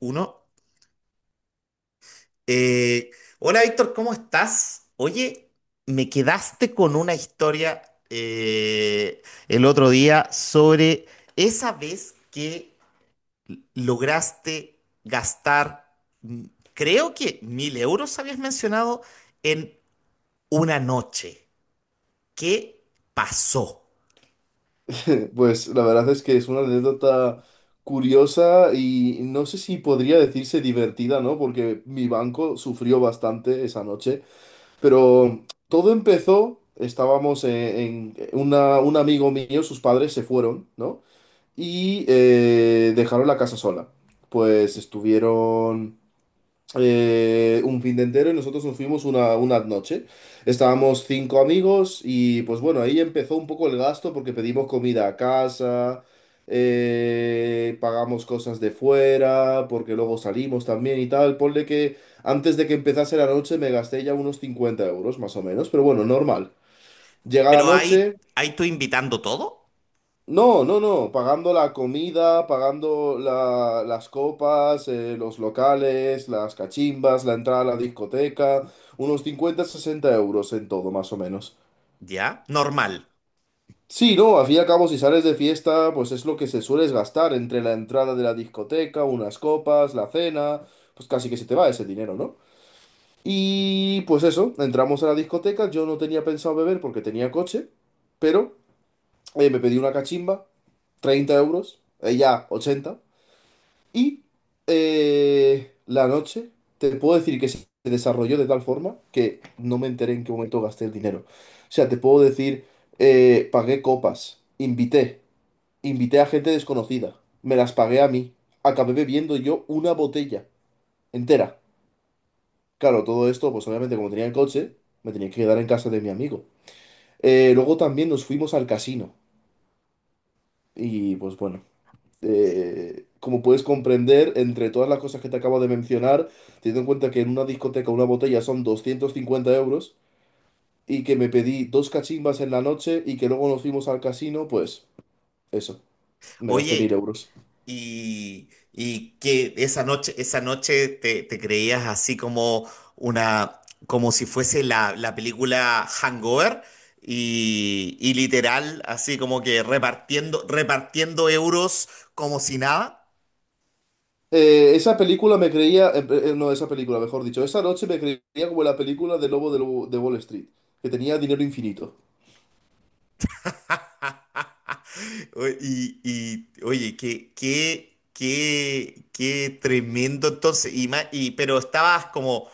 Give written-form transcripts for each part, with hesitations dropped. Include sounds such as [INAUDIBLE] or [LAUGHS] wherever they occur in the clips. Uno. Eh, hola Víctor, ¿cómo estás? Oye, me quedaste con una historia eh, el otro día sobre esa vez que lograste gastar, mm, creo que 1.000 euros habías mencionado en una noche. ¿Qué pasó? [LAUGHS] Pues la verdad es que es una anécdota curiosa y no sé si podría decirse divertida, ¿no? Porque mi banco sufrió bastante esa noche, pero todo empezó, estábamos un amigo mío, sus padres se fueron, ¿no? Y dejaron la casa sola. Pues estuvieron un fin de entero y nosotros nos fuimos una noche. Estábamos cinco amigos y pues bueno, ahí empezó un poco el gasto porque pedimos comida a casa, pagamos cosas de fuera, porque luego salimos también y tal. Ponle que antes de que empezase la noche me gasté ya unos 50 euros más o menos, pero bueno, normal. Llega la Pero ahí, noche. ahí tú invitando todo, No, no, no, pagando la comida, pagando las copas, los locales, las cachimbas, la entrada a la discoteca, unos 50-60 euros en todo, más o menos. ¿ya? Normal. Sí, no, al fin y al cabo, si sales de fiesta, pues es lo que se sueles gastar entre la entrada de la discoteca, unas copas, la cena, pues casi que se te va ese dinero, ¿no? Y pues eso, entramos a la discoteca, yo no tenía pensado beber porque tenía coche, pero me pedí una cachimba, 30 euros, ella 80. Y la noche, te puedo decir que se desarrolló de tal forma que no me enteré en qué momento gasté el dinero. O sea, te puedo decir, pagué copas, invité, invité a gente desconocida, me las pagué a mí, acabé bebiendo yo una botella entera. Claro, todo esto, pues obviamente como tenía el coche, me tenía que quedar en casa de mi amigo. Luego también nos fuimos al casino y pues bueno. Como puedes comprender, entre todas las cosas que te acabo de mencionar, teniendo en cuenta que en una discoteca una botella son 250 euros y que me pedí dos cachimbas en la noche y que luego nos fuimos al casino, pues eso, me gasté mil Oye, euros. y que esa noche te creías así como una, como si fuese la película Hangover y literal, así como que repartiendo, repartiendo euros como si nada. Esa película me creía, no, esa película, mejor dicho, esa noche me creía como la película del lobo de Wall Street, que tenía dinero infinito. Oye, qué tremendo entonces. Pero estabas como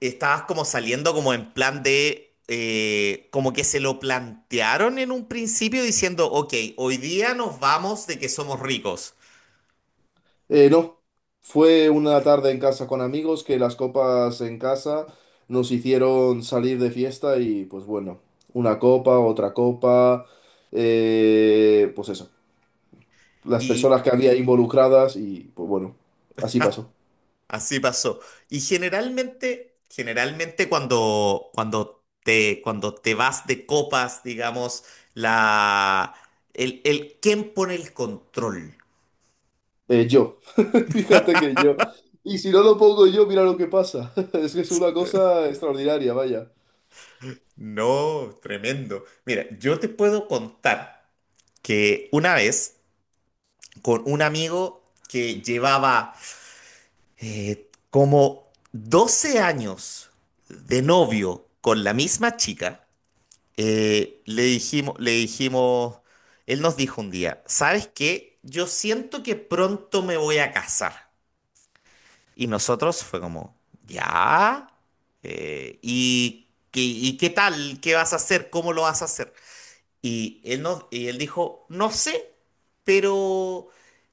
estabas como saliendo como en plan de, como que se lo plantearon en un principio diciendo, ok, hoy día nos vamos de que somos ricos. No, fue una tarde en casa con amigos que las copas en casa nos hicieron salir de fiesta y pues bueno, una copa, otra copa, pues eso, las Y personas que había involucradas y pues bueno, así pasó. así pasó. Y generalmente, generalmente cuando te vas de copas, digamos, la, ¿quién pone el control? Yo, [LAUGHS] fíjate que yo. Y si no lo pongo yo, mira lo que pasa. [LAUGHS] Es que es una cosa extraordinaria, vaya. No, tremendo. Mira, yo te puedo contar que una vez con un amigo que llevaba como 12 años de novio con la misma chica, eh, le dijimos, le dijimos, él nos dijo un día, ¿sabes qué? Yo siento que pronto me voy a casar. Y nosotros fue como, ¿ya? ¿Y qué tal? ¿Qué vas a hacer? ¿Cómo lo vas a hacer? Y él, no, y él dijo, no sé, pero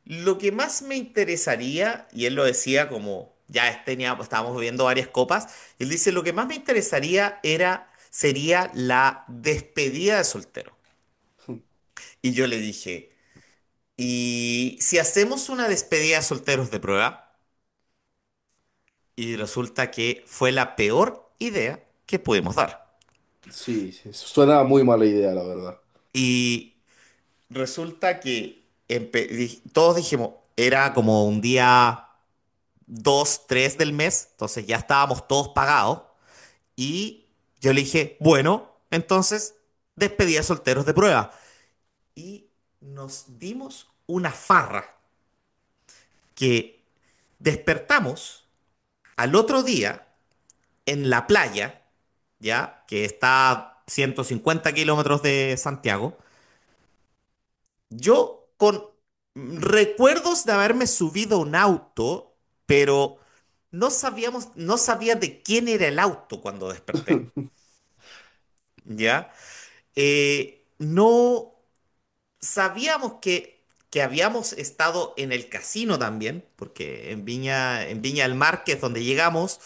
lo que más me interesaría, y él lo decía como, ya tenía, estábamos bebiendo varias copas, y él dice, lo que más me interesaría era, sería la despedida de soltero. Y yo le dije, ¿y si hacemos una despedida de solteros de prueba? Y resulta que fue la peor idea que pudimos dar. Sí, sí, suena muy mala idea, la verdad. Y resulta que todos dijimos, era como un día 2 3 del mes, entonces ya estábamos todos pagados. Y yo le dije, bueno, entonces despedí a solteros de prueba. Y nos dimos una farra que despertamos al otro día en la playa, ya, que está a 150 kilómetros de Santiago. Yo con recuerdos de haberme subido a un auto, pero no sabíamos, no sabía de quién era el auto cuando desperté. [LAUGHS] ¿Ya? No sabíamos que habíamos estado en el casino también, porque en Viña del Mar, que es donde llegamos,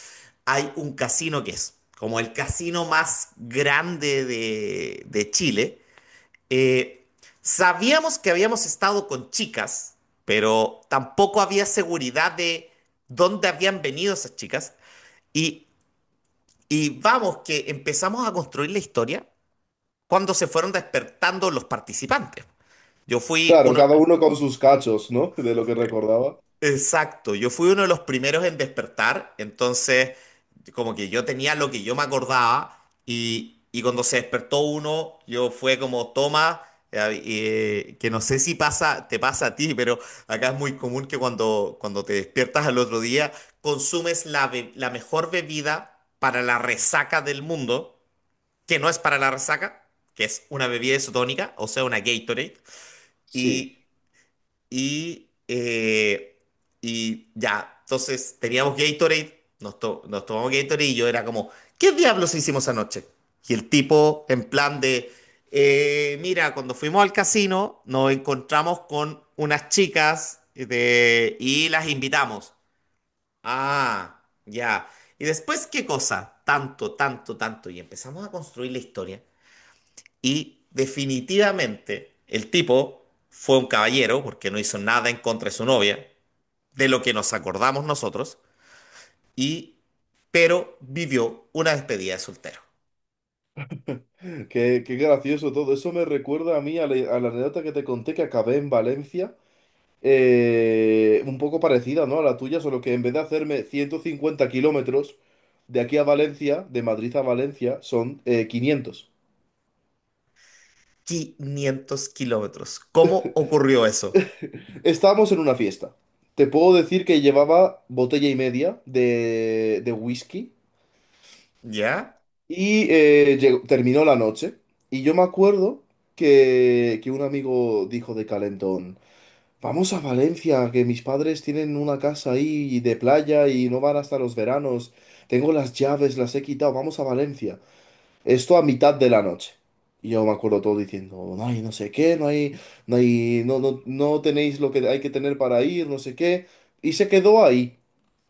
hay un casino que es como el casino más grande de Chile. Eh, sabíamos que habíamos estado con chicas, pero tampoco había seguridad de dónde habían venido esas chicas. Y, y vamos, que empezamos a construir la historia cuando se fueron despertando los participantes. Yo fui Claro, uno, cada uno con sus cachos, ¿no? De lo que recordaba. exacto, yo fui uno de los primeros en despertar, entonces como que yo tenía lo que yo me acordaba y cuando se despertó uno, yo fue como, toma, eh, que no sé si pasa, te pasa a ti, pero acá es muy común que cuando te despiertas al otro día, consumes la mejor bebida para la resaca del mundo, que no es para la resaca, que es una bebida isotónica, o sea, una Gatorade. Sí. Y, y, eh, y ya, entonces teníamos Gatorade, nos tomamos Gatorade y yo era como, ¿qué diablos hicimos anoche? Y el tipo en plan de, mira, cuando fuimos al casino nos encontramos con unas chicas y las invitamos. Ah, ya. ¿Y después qué cosa? Tanto, tanto, tanto. Y empezamos a construir la historia. Y definitivamente el tipo fue un caballero porque no hizo nada en contra de su novia, de lo que nos acordamos nosotros, y pero vivió una despedida de soltero. Qué, qué gracioso todo. Eso me recuerda a mí a la anécdota que te conté que acabé en Valencia, un poco parecida, ¿no? A la tuya, solo que en vez de hacerme 150 kilómetros de aquí a Valencia, de Madrid a Valencia, son 500. 500 kilómetros. ¿Cómo ocurrió eso? Estábamos en una fiesta. Te puedo decir que llevaba botella y media de whisky ¿Ya? y terminó la noche. Y yo me acuerdo que un amigo dijo de calentón. Vamos a Valencia, que mis padres tienen una casa ahí de playa y no van hasta los veranos. Tengo las llaves, las he quitado, vamos a Valencia. Esto a mitad de la noche. Y yo me acuerdo todo diciendo, no hay no sé qué, no hay, no, no, no tenéis lo que hay que tener para ir, no sé qué. Y se quedó ahí.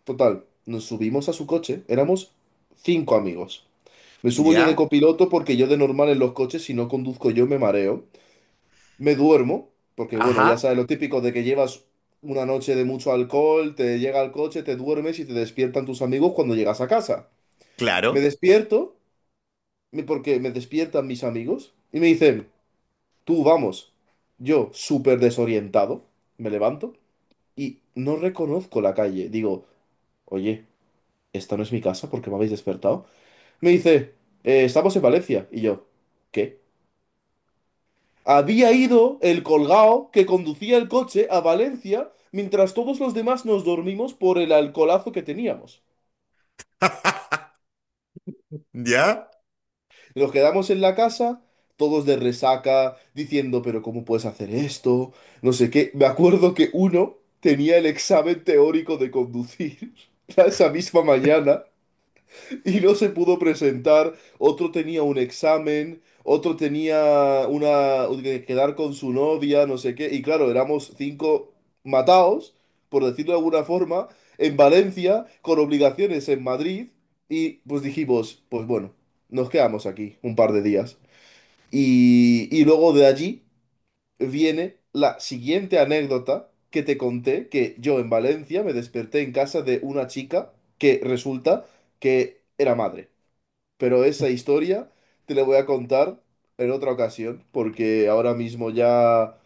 Total, nos subimos a su coche, éramos cinco amigos. Me subo yo de ¿Ya? copiloto porque yo de normal en los coches, si no conduzco yo, me mareo. Me duermo, porque bueno, ya Ajá, sabes lo típico de que llevas una noche de mucho alcohol, te llega al coche, te duermes y te despiertan tus amigos cuando llegas a casa. Me claro. despierto, porque me despiertan mis amigos y me dicen, tú vamos. Yo, súper desorientado, me levanto y no reconozco la calle. Digo, oye, esta no es mi casa porque me habéis despertado. Me dice, Estamos en Valencia". Y yo, ¿qué? Había ido el colgao que conducía el coche a Valencia mientras todos los demás nos dormimos por el alcoholazo que teníamos. ¿Ya? Nos quedamos en la casa, todos de resaca, diciendo, pero ¿cómo puedes hacer esto? No sé qué. Me acuerdo que uno tenía el examen teórico de conducir [LAUGHS] esa misma mañana. Y no se pudo presentar, otro tenía un examen, otro tenía una que quedar con su novia, no sé qué, y claro, éramos cinco mataos, por decirlo de alguna forma, en Valencia, con obligaciones en Madrid, y pues dijimos, pues bueno, nos quedamos aquí un par de días. Y luego de allí viene la siguiente anécdota que te conté, que yo en Valencia me desperté en casa de una chica que resulta que era madre. Pero esa historia te la voy a contar en otra ocasión, porque ahora mismo ya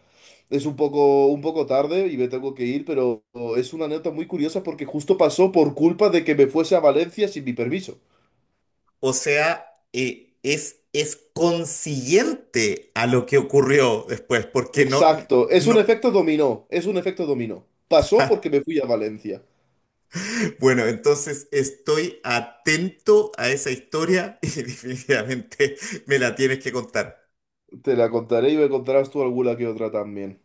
es un poco tarde y me tengo que ir, pero es una anécdota muy curiosa porque justo pasó por culpa de que me fuese a Valencia sin mi permiso. O sea, es consiguiente a lo que ocurrió después, porque no, Exacto, es un no, efecto dominó, es un efecto dominó. Pasó porque me fui a Valencia. [LAUGHS] bueno, entonces estoy atento a esa historia y [LAUGHS] definitivamente me la tienes que contar. Te la contaré y me contarás tú alguna que otra también.